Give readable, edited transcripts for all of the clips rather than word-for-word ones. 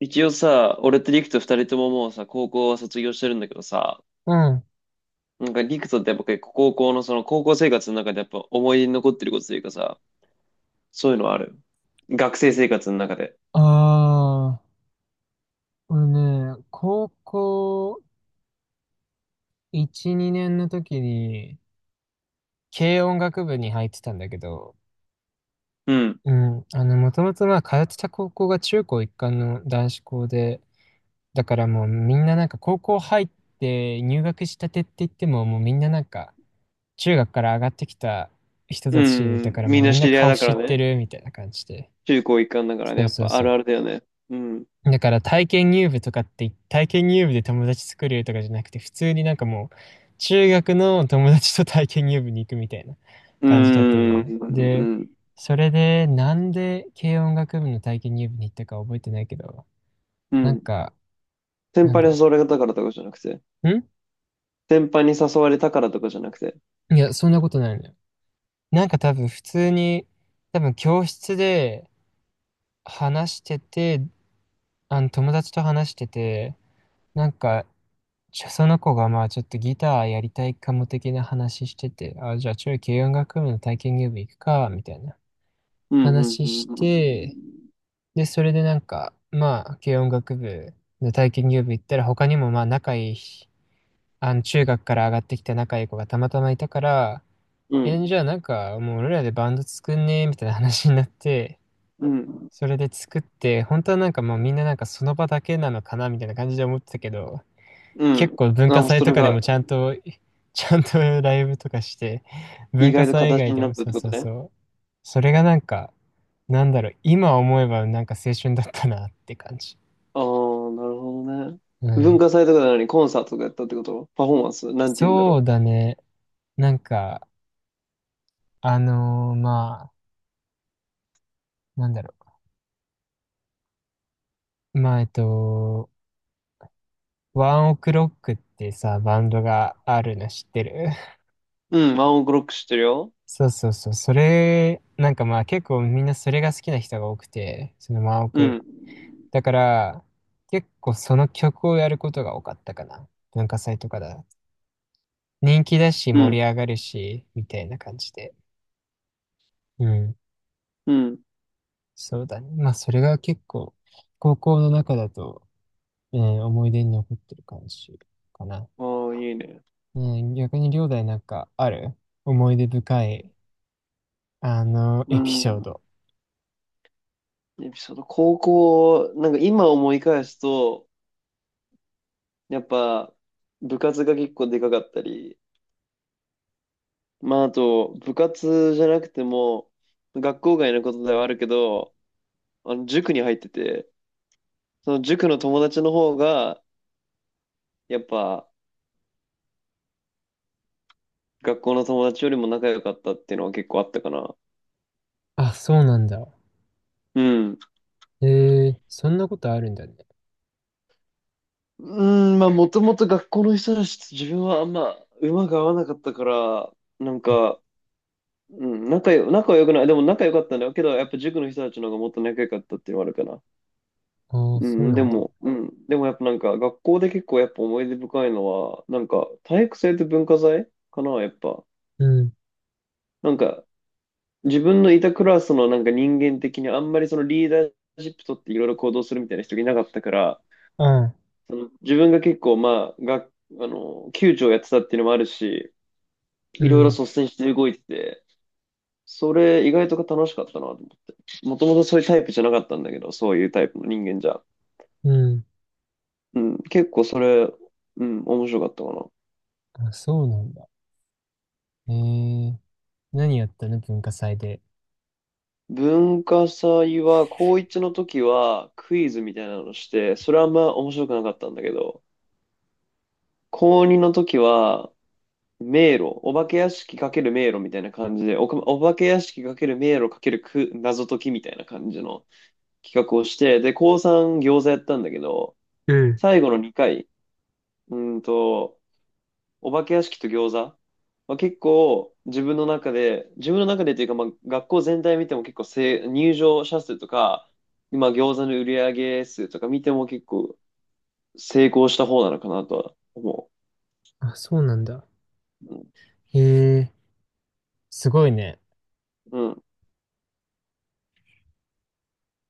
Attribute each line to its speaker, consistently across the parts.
Speaker 1: 一応さ、俺とリクと二人とももうさ、高校は卒業してるんだけどさ、
Speaker 2: うん。
Speaker 1: なんかリクとってやっぱ結構高校のその高校生活の中でやっぱ思い出に残ってることというかさ、そういうのはある？学生生活の中で。
Speaker 2: ああ、俺ね、高校1、2年の時に、軽音楽部に入ってたんだけど、
Speaker 1: うん。
Speaker 2: もともと通ってた高校が中高一貫の男子校で、だからもうみんななんか高校入って入学したてって言っても、もうみんななんか、中学から上がってきた人
Speaker 1: う
Speaker 2: たちだか
Speaker 1: ん、
Speaker 2: ら
Speaker 1: み
Speaker 2: もう
Speaker 1: んな
Speaker 2: みんな
Speaker 1: 知り合い
Speaker 2: 顔
Speaker 1: だか
Speaker 2: 知
Speaker 1: ら
Speaker 2: って
Speaker 1: ね。
Speaker 2: るみたいな感じで。
Speaker 1: 中高一貫だからね。
Speaker 2: そ
Speaker 1: や
Speaker 2: う
Speaker 1: っ
Speaker 2: そう
Speaker 1: ぱあ
Speaker 2: そ
Speaker 1: るあ
Speaker 2: う。
Speaker 1: るだよね。うん。
Speaker 2: だから体験入部とかって、体験入部で友達作れるとかじゃなくて、普通になんかもう、中学の友達と体験入部に行くみたいな
Speaker 1: うー
Speaker 2: 感じだったの
Speaker 1: ん。
Speaker 2: ね。
Speaker 1: う
Speaker 2: で、
Speaker 1: ん。
Speaker 2: それで、なんで軽音楽部の体験入部に行ったか覚えてないけど、
Speaker 1: う
Speaker 2: なん
Speaker 1: ん。
Speaker 2: か、
Speaker 1: 先
Speaker 2: なん
Speaker 1: 輩
Speaker 2: だ
Speaker 1: に
Speaker 2: ろ
Speaker 1: 誘われたからとかじゃなくて。
Speaker 2: う。ん
Speaker 1: 先輩に誘われたからとかじゃなくて。
Speaker 2: いや、そんなことないのよ。なんか多分普通に、多分教室で話してて、あの友達と話してて、なんかじゃあその子がまあちょっとギターやりたいかも的な話してて、あ、じゃあちょい軽音楽部の体験入部行くか、みたいな
Speaker 1: うん。うん。
Speaker 2: 話
Speaker 1: うん
Speaker 2: し
Speaker 1: う
Speaker 2: て、
Speaker 1: ん。
Speaker 2: で、それでなんか、まあ軽音楽部の体験入部行ったら他にもまあ仲いい、あの中学から上がってきた仲いい子がたまたまいたから、
Speaker 1: う
Speaker 2: え、じ
Speaker 1: ん。
Speaker 2: ゃあなんかもう俺らでバンド作んねみたいな話になって、
Speaker 1: うん。
Speaker 2: それで作って、本当はなんかもうみんななんかその場だけなのかなみたいな感じで思ってたけど、
Speaker 1: う
Speaker 2: 結
Speaker 1: ん。
Speaker 2: 構文
Speaker 1: あ、
Speaker 2: 化
Speaker 1: もう
Speaker 2: 祭
Speaker 1: そ
Speaker 2: と
Speaker 1: れ
Speaker 2: かで
Speaker 1: が
Speaker 2: もちゃんと、ちゃんとライブとかして、
Speaker 1: 意
Speaker 2: 文化
Speaker 1: 外と
Speaker 2: 祭以
Speaker 1: 形
Speaker 2: 外
Speaker 1: に
Speaker 2: で
Speaker 1: な
Speaker 2: も
Speaker 1: ったっ
Speaker 2: そ
Speaker 1: て
Speaker 2: う
Speaker 1: こ
Speaker 2: そ
Speaker 1: と
Speaker 2: うそ
Speaker 1: ね。
Speaker 2: う。それがなんか、なんだろう、今思えばなんか青春だったなって感じ。
Speaker 1: ああ、なるほどね。
Speaker 2: う
Speaker 1: 文
Speaker 2: ん。
Speaker 1: 化祭とかなのにコンサートとかやったってこと？パフォーマンスなんて言うんだ
Speaker 2: そ
Speaker 1: ろ
Speaker 2: うだね。なんか、あのーまあ、なんだろう。まあ、えっと、ワンオクロックってさ、バンドがあるの知ってる？
Speaker 1: う。うん、ワンオクロック知ってるよ。
Speaker 2: そうそうそう。それ、なんかまあ結構みんなそれが好きな人が多くて、そのワンオ
Speaker 1: う
Speaker 2: ク
Speaker 1: ん、
Speaker 2: だから、結構その曲をやることが多かったかな。文化祭とかだ。人気だし、
Speaker 1: う
Speaker 2: 盛
Speaker 1: ん、
Speaker 2: り上がるし、みたいな感じで。うん。
Speaker 1: うん。
Speaker 2: そうだね。まあ、それが結構、高校の中だと、うん、思い出に残ってる感じかな。
Speaker 1: ああ、いいね。
Speaker 2: うん、逆に、両大なんかある？思い出深い、あの、
Speaker 1: う
Speaker 2: エピソー
Speaker 1: ん。
Speaker 2: ド。
Speaker 1: エピソード、高校、なんか今思い返すと、やっぱ部活が結構でかかったり、まああと部活じゃなくても、学校外のことではあるけど、あの塾に入ってて、その塾の友達の方が、やっぱ、学校の友達よりも仲良かったっていうのは結構あったかな。
Speaker 2: あ、そうなんだ。
Speaker 1: うん。
Speaker 2: えー、そんなことあるんだね。
Speaker 1: うん、まあ、もともと学校の人たちと自分はあんま馬が合わなかったから、なんか、うん、仲は良くない。でも仲良かったんだけど、やっぱ塾の人たちの方がもっと仲良かったっていうのはあるかな。
Speaker 2: ああ、
Speaker 1: う
Speaker 2: そう
Speaker 1: ん、
Speaker 2: な
Speaker 1: で
Speaker 2: んだ。
Speaker 1: も、うん。でもやっぱなんか、学校で結構やっぱ思い出深いのは、なんか、体育祭と文化祭かな、やっぱ。
Speaker 2: うん、
Speaker 1: なんか、自分のいたクラスのなんか人間的にあんまりそのリーダーシップ取っていろいろ行動するみたいな人がいなかったから、
Speaker 2: ああ、
Speaker 1: その自分が結構、まあ、あの、球長やってたっていうのもあるし、
Speaker 2: う
Speaker 1: いろいろ
Speaker 2: ん、
Speaker 1: 率先して動いてて、それ意外と楽しかったなと思って。もともとそういうタイプじゃなかったんだけど、そういうタイプの人間じゃ。
Speaker 2: うん。
Speaker 1: うん、結構それ、うん、面白かったかな。
Speaker 2: あ、そうなんだ。えー、何やったの？文化祭で。
Speaker 1: 文化祭は、高1の時はクイズみたいなのして、それはあんま面白くなかったんだけど、高2の時は、迷路、お化け屋敷かける迷路みたいな感じで、お化け屋敷かける迷路かけるく謎解きみたいな感じの、企画をして、で、高3餃子やったんだけど、
Speaker 2: うん。
Speaker 1: 最後の2回、うーんと、お化け屋敷と餃子は結構自分の中で、自分の中でというか、まあ、学校全体見ても結構入場者数とか、今餃子の売り上げ数とか見ても結構成功した方なのかなとは思
Speaker 2: あ、そうなんだ。
Speaker 1: う。
Speaker 2: へえ、すごいね。
Speaker 1: うん。うん、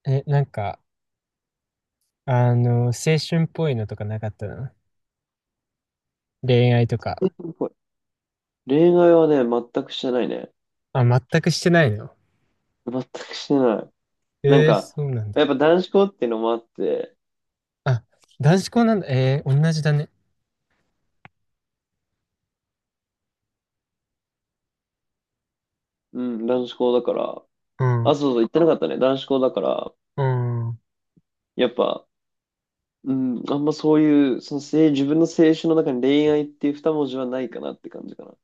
Speaker 2: え、なんか、あの、青春っぽいのとかなかったの？恋愛とか。
Speaker 1: 恋愛はね、全くしてないね。
Speaker 2: あ、全くしてないの？
Speaker 1: 全くしてない。なん
Speaker 2: えー、
Speaker 1: か、
Speaker 2: そうなん
Speaker 1: やっぱ
Speaker 2: だ。
Speaker 1: 男子校っていうのもあって、
Speaker 2: あ、男子校なんだ。えー、同じだね。
Speaker 1: うん、男子校だから、
Speaker 2: うん。
Speaker 1: あ、そうそう、言ってなかったね。男子校だから、
Speaker 2: うん。
Speaker 1: やっぱ、うん、あんまそういう、そのせい、自分の青春の中に恋愛っていう二文字はないかなって感じかな。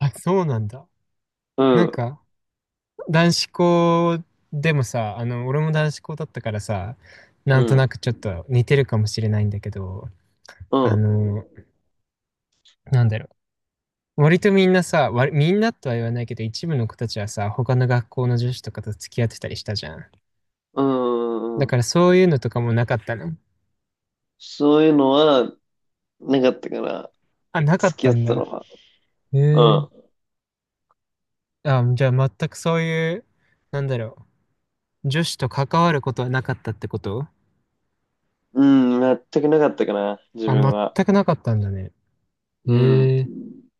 Speaker 2: あ、そうなんだ。
Speaker 1: う
Speaker 2: なん
Speaker 1: ん、
Speaker 2: か、男子校でもさ、あの、俺も男子校だったからさ、なん
Speaker 1: う
Speaker 2: とな
Speaker 1: ん、
Speaker 2: くちょっと似てるかもしれないんだけど、
Speaker 1: う
Speaker 2: あ
Speaker 1: ん、
Speaker 2: の、なんだろう割とみんなさ、割みんなとは言わないけど、一部の子たちはさ、他の学校の女子とかと付き合ってたりしたじゃん。
Speaker 1: うん、
Speaker 2: だ
Speaker 1: うん。
Speaker 2: からそういうのとかもなかったの？
Speaker 1: そういうのはなかったかな。
Speaker 2: あ、なかっ
Speaker 1: 付き合
Speaker 2: た
Speaker 1: っ
Speaker 2: ん
Speaker 1: てたの
Speaker 2: だ。
Speaker 1: は。
Speaker 2: へえ。
Speaker 1: う
Speaker 2: あ、じゃあ全くそういう、なんだろう、女子と関わることはなかったってこと？
Speaker 1: ん、うん、全くなかったかな、自
Speaker 2: あ、
Speaker 1: 分は。
Speaker 2: 全くなかったんだね。
Speaker 1: うん。
Speaker 2: へえ、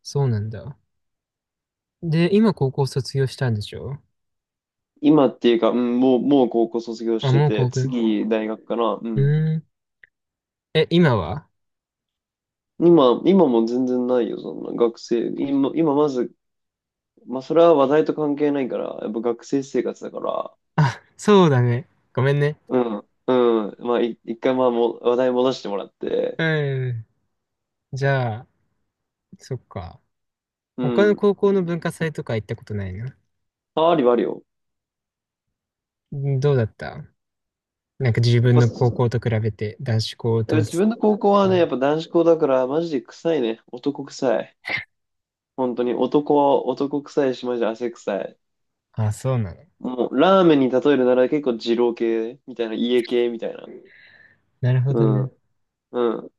Speaker 2: そうなんだ。で、今高校卒業したんでしょ？
Speaker 1: 今っていうか、うん、もう、もう高校卒業
Speaker 2: あ、
Speaker 1: して
Speaker 2: もう
Speaker 1: て、
Speaker 2: 高校。う
Speaker 1: 次大学かな。うん。
Speaker 2: ーん。え、今は？
Speaker 1: 今も全然ないよ、そんな学生。今まず、まあ、それは話題と関係ないから、やっぱ学生生活だから、
Speaker 2: あ、そうだね。ごめんね。
Speaker 1: うん、うん。まあ、一回、まあ、話題戻してもらって、
Speaker 2: うん。じゃあ、そっか。
Speaker 1: う
Speaker 2: 他の
Speaker 1: ん。
Speaker 2: 高校の文化祭とか行ったことないな。
Speaker 1: あ、ありはあるよ。
Speaker 2: んどうだった？なんか自
Speaker 1: やっ
Speaker 2: 分
Speaker 1: ぱ、
Speaker 2: の高校
Speaker 1: や
Speaker 2: と比べて男子校
Speaker 1: っぱ
Speaker 2: と
Speaker 1: 自
Speaker 2: す、
Speaker 1: 分の高校は
Speaker 2: う
Speaker 1: ね、やっ
Speaker 2: ん、
Speaker 1: ぱ男子校だから、マジで臭いね。男臭い。本当に、男は男臭いし、マジで汗臭い。
Speaker 2: あ、そうなの。
Speaker 1: もう、ラーメンに例えるなら結構二郎系みたいな、家系みたいな。
Speaker 2: なるほ
Speaker 1: う
Speaker 2: どね。
Speaker 1: ん、うん。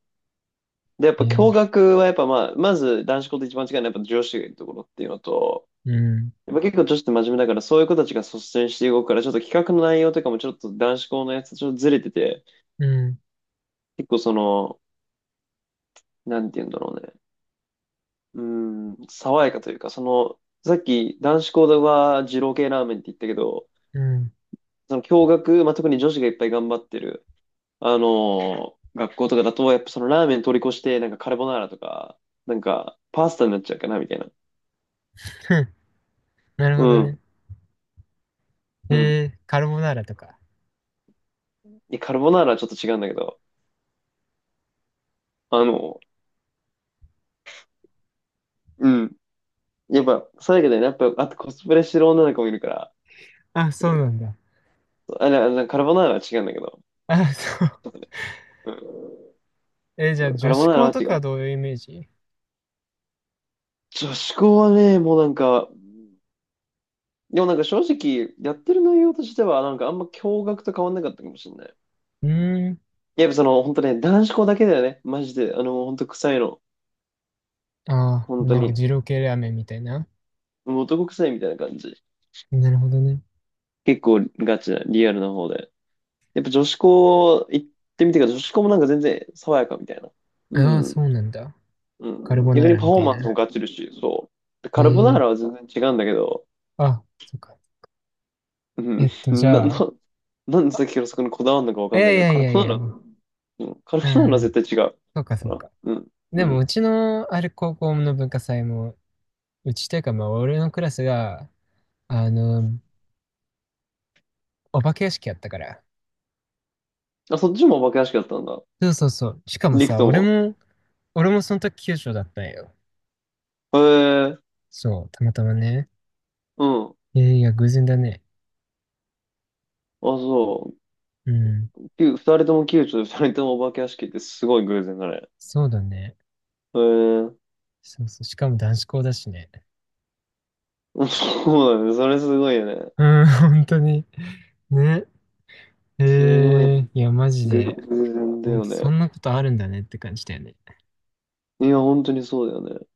Speaker 1: で、やっ
Speaker 2: え
Speaker 1: ぱ
Speaker 2: ー、
Speaker 1: 共学はやっぱまあ、まず男子校と一番違うのはやっぱ女子がいるところっていうのと、
Speaker 2: うん、
Speaker 1: やっぱ結構女子って真面目だから、そういう子たちが率先して動くから、ちょっと企画の内容とかもちょっと男子校のやつとちょっとずれてて、
Speaker 2: うん、
Speaker 1: 結構その、なんて言うんだろうね。うーん、爽やかというか、その、さっき男子校では二郎系ラーメンって言ったけど、
Speaker 2: うん。
Speaker 1: その共学、まあ、特に女子がいっぱい頑張ってる、学校とかだと、やっぱそのラーメン通り越して、なんかカルボナーラとか、なんかパスタになっちゃうかな、みたいな。
Speaker 2: ふん、なる
Speaker 1: う
Speaker 2: ほど
Speaker 1: ん、
Speaker 2: ね。
Speaker 1: うん。
Speaker 2: えー、カルボナーラとか。
Speaker 1: いやカルボナーラはちょっと違うんだけど、あの、うん。やっぱ、そうだけどね、やっぱ、あとコスプレしてる女の子もいるから、
Speaker 2: あ、そ
Speaker 1: う
Speaker 2: うな
Speaker 1: ん、
Speaker 2: んだ。
Speaker 1: あれ、あれカルボナーラは違うんだけど、
Speaker 2: あ、そう。
Speaker 1: ちょっとねう
Speaker 2: えー、じゃあ
Speaker 1: ん、カ
Speaker 2: 女
Speaker 1: ル
Speaker 2: 子
Speaker 1: ボナーラ
Speaker 2: 校
Speaker 1: は
Speaker 2: と
Speaker 1: 違
Speaker 2: かは
Speaker 1: う。
Speaker 2: どういうイメージ？
Speaker 1: 女子校はね、もうなんか、でもなんか正直、やってる内容としては、なんかあんま驚愕と変わんなかったかもしれない。
Speaker 2: うーん。
Speaker 1: やっぱその、本当ね、男子校だけだよね、マジで。あの、本当臭いの。
Speaker 2: ああ、
Speaker 1: 本当
Speaker 2: なんか
Speaker 1: に。
Speaker 2: 二郎系ラーメンみたいな。
Speaker 1: もう男臭いみたいな感じ。
Speaker 2: なるほどね。
Speaker 1: 結構ガチな、リアルな方で。やっぱ女子校行ってみてから、女子校もなんか全然爽やかみたいな。う
Speaker 2: ああ、
Speaker 1: ん。
Speaker 2: そうなんだ。
Speaker 1: う
Speaker 2: カル
Speaker 1: ん。
Speaker 2: ボ
Speaker 1: 逆
Speaker 2: ナー
Speaker 1: に
Speaker 2: ラ
Speaker 1: パ
Speaker 2: み
Speaker 1: フ
Speaker 2: た
Speaker 1: ォー
Speaker 2: い
Speaker 1: マンスも
Speaker 2: な。
Speaker 1: ガチるし、そう。でカルボナー
Speaker 2: え
Speaker 1: ラは
Speaker 2: え、
Speaker 1: 全然違うんだけど、
Speaker 2: あ、そっか。
Speaker 1: う
Speaker 2: え
Speaker 1: ん。
Speaker 2: っと、じ
Speaker 1: な、な、
Speaker 2: ゃあ、
Speaker 1: なんでさっきからそこにこだわるのかわ
Speaker 2: い
Speaker 1: かん
Speaker 2: や
Speaker 1: ない
Speaker 2: い
Speaker 1: けど、
Speaker 2: やい
Speaker 1: カル
Speaker 2: やい
Speaker 1: ボ
Speaker 2: や
Speaker 1: ナー
Speaker 2: いや。
Speaker 1: ラ、うん。カル
Speaker 2: う
Speaker 1: ボナーラは
Speaker 2: ん。
Speaker 1: 絶対違う。
Speaker 2: そうかそ
Speaker 1: か
Speaker 2: う
Speaker 1: な。
Speaker 2: か。
Speaker 1: うん。う
Speaker 2: でもう
Speaker 1: ん。
Speaker 2: ちのある高校の文化祭も、うちというかまあ俺のクラスが、あの、お化け屋敷やったから。
Speaker 1: あ、そっちもお化け屋敷だったんだ。
Speaker 2: そうそうそう。しかも
Speaker 1: リク
Speaker 2: さ、
Speaker 1: とも。
Speaker 2: 俺もその時九州だったんよ。
Speaker 1: へえ、
Speaker 2: そう、たまたまね。
Speaker 1: うん。あ、
Speaker 2: いやいや、偶然だね。
Speaker 1: そ
Speaker 2: うん。
Speaker 1: う。きゅう二人とも宮中で二人ともお化け屋敷ってすごい偶然だね。
Speaker 2: そうだね。
Speaker 1: へえ、
Speaker 2: そうそう。しかも男子校だしね。
Speaker 1: そうだね。それすごいよね。
Speaker 2: うん、本当に。ね。え
Speaker 1: すごいね、
Speaker 2: ー、いや、マジで。
Speaker 1: 偶然だ
Speaker 2: 本
Speaker 1: よ
Speaker 2: 当そ
Speaker 1: ね。
Speaker 2: んなことあるんだねって感じだよね。
Speaker 1: いや、本当にそうだよね。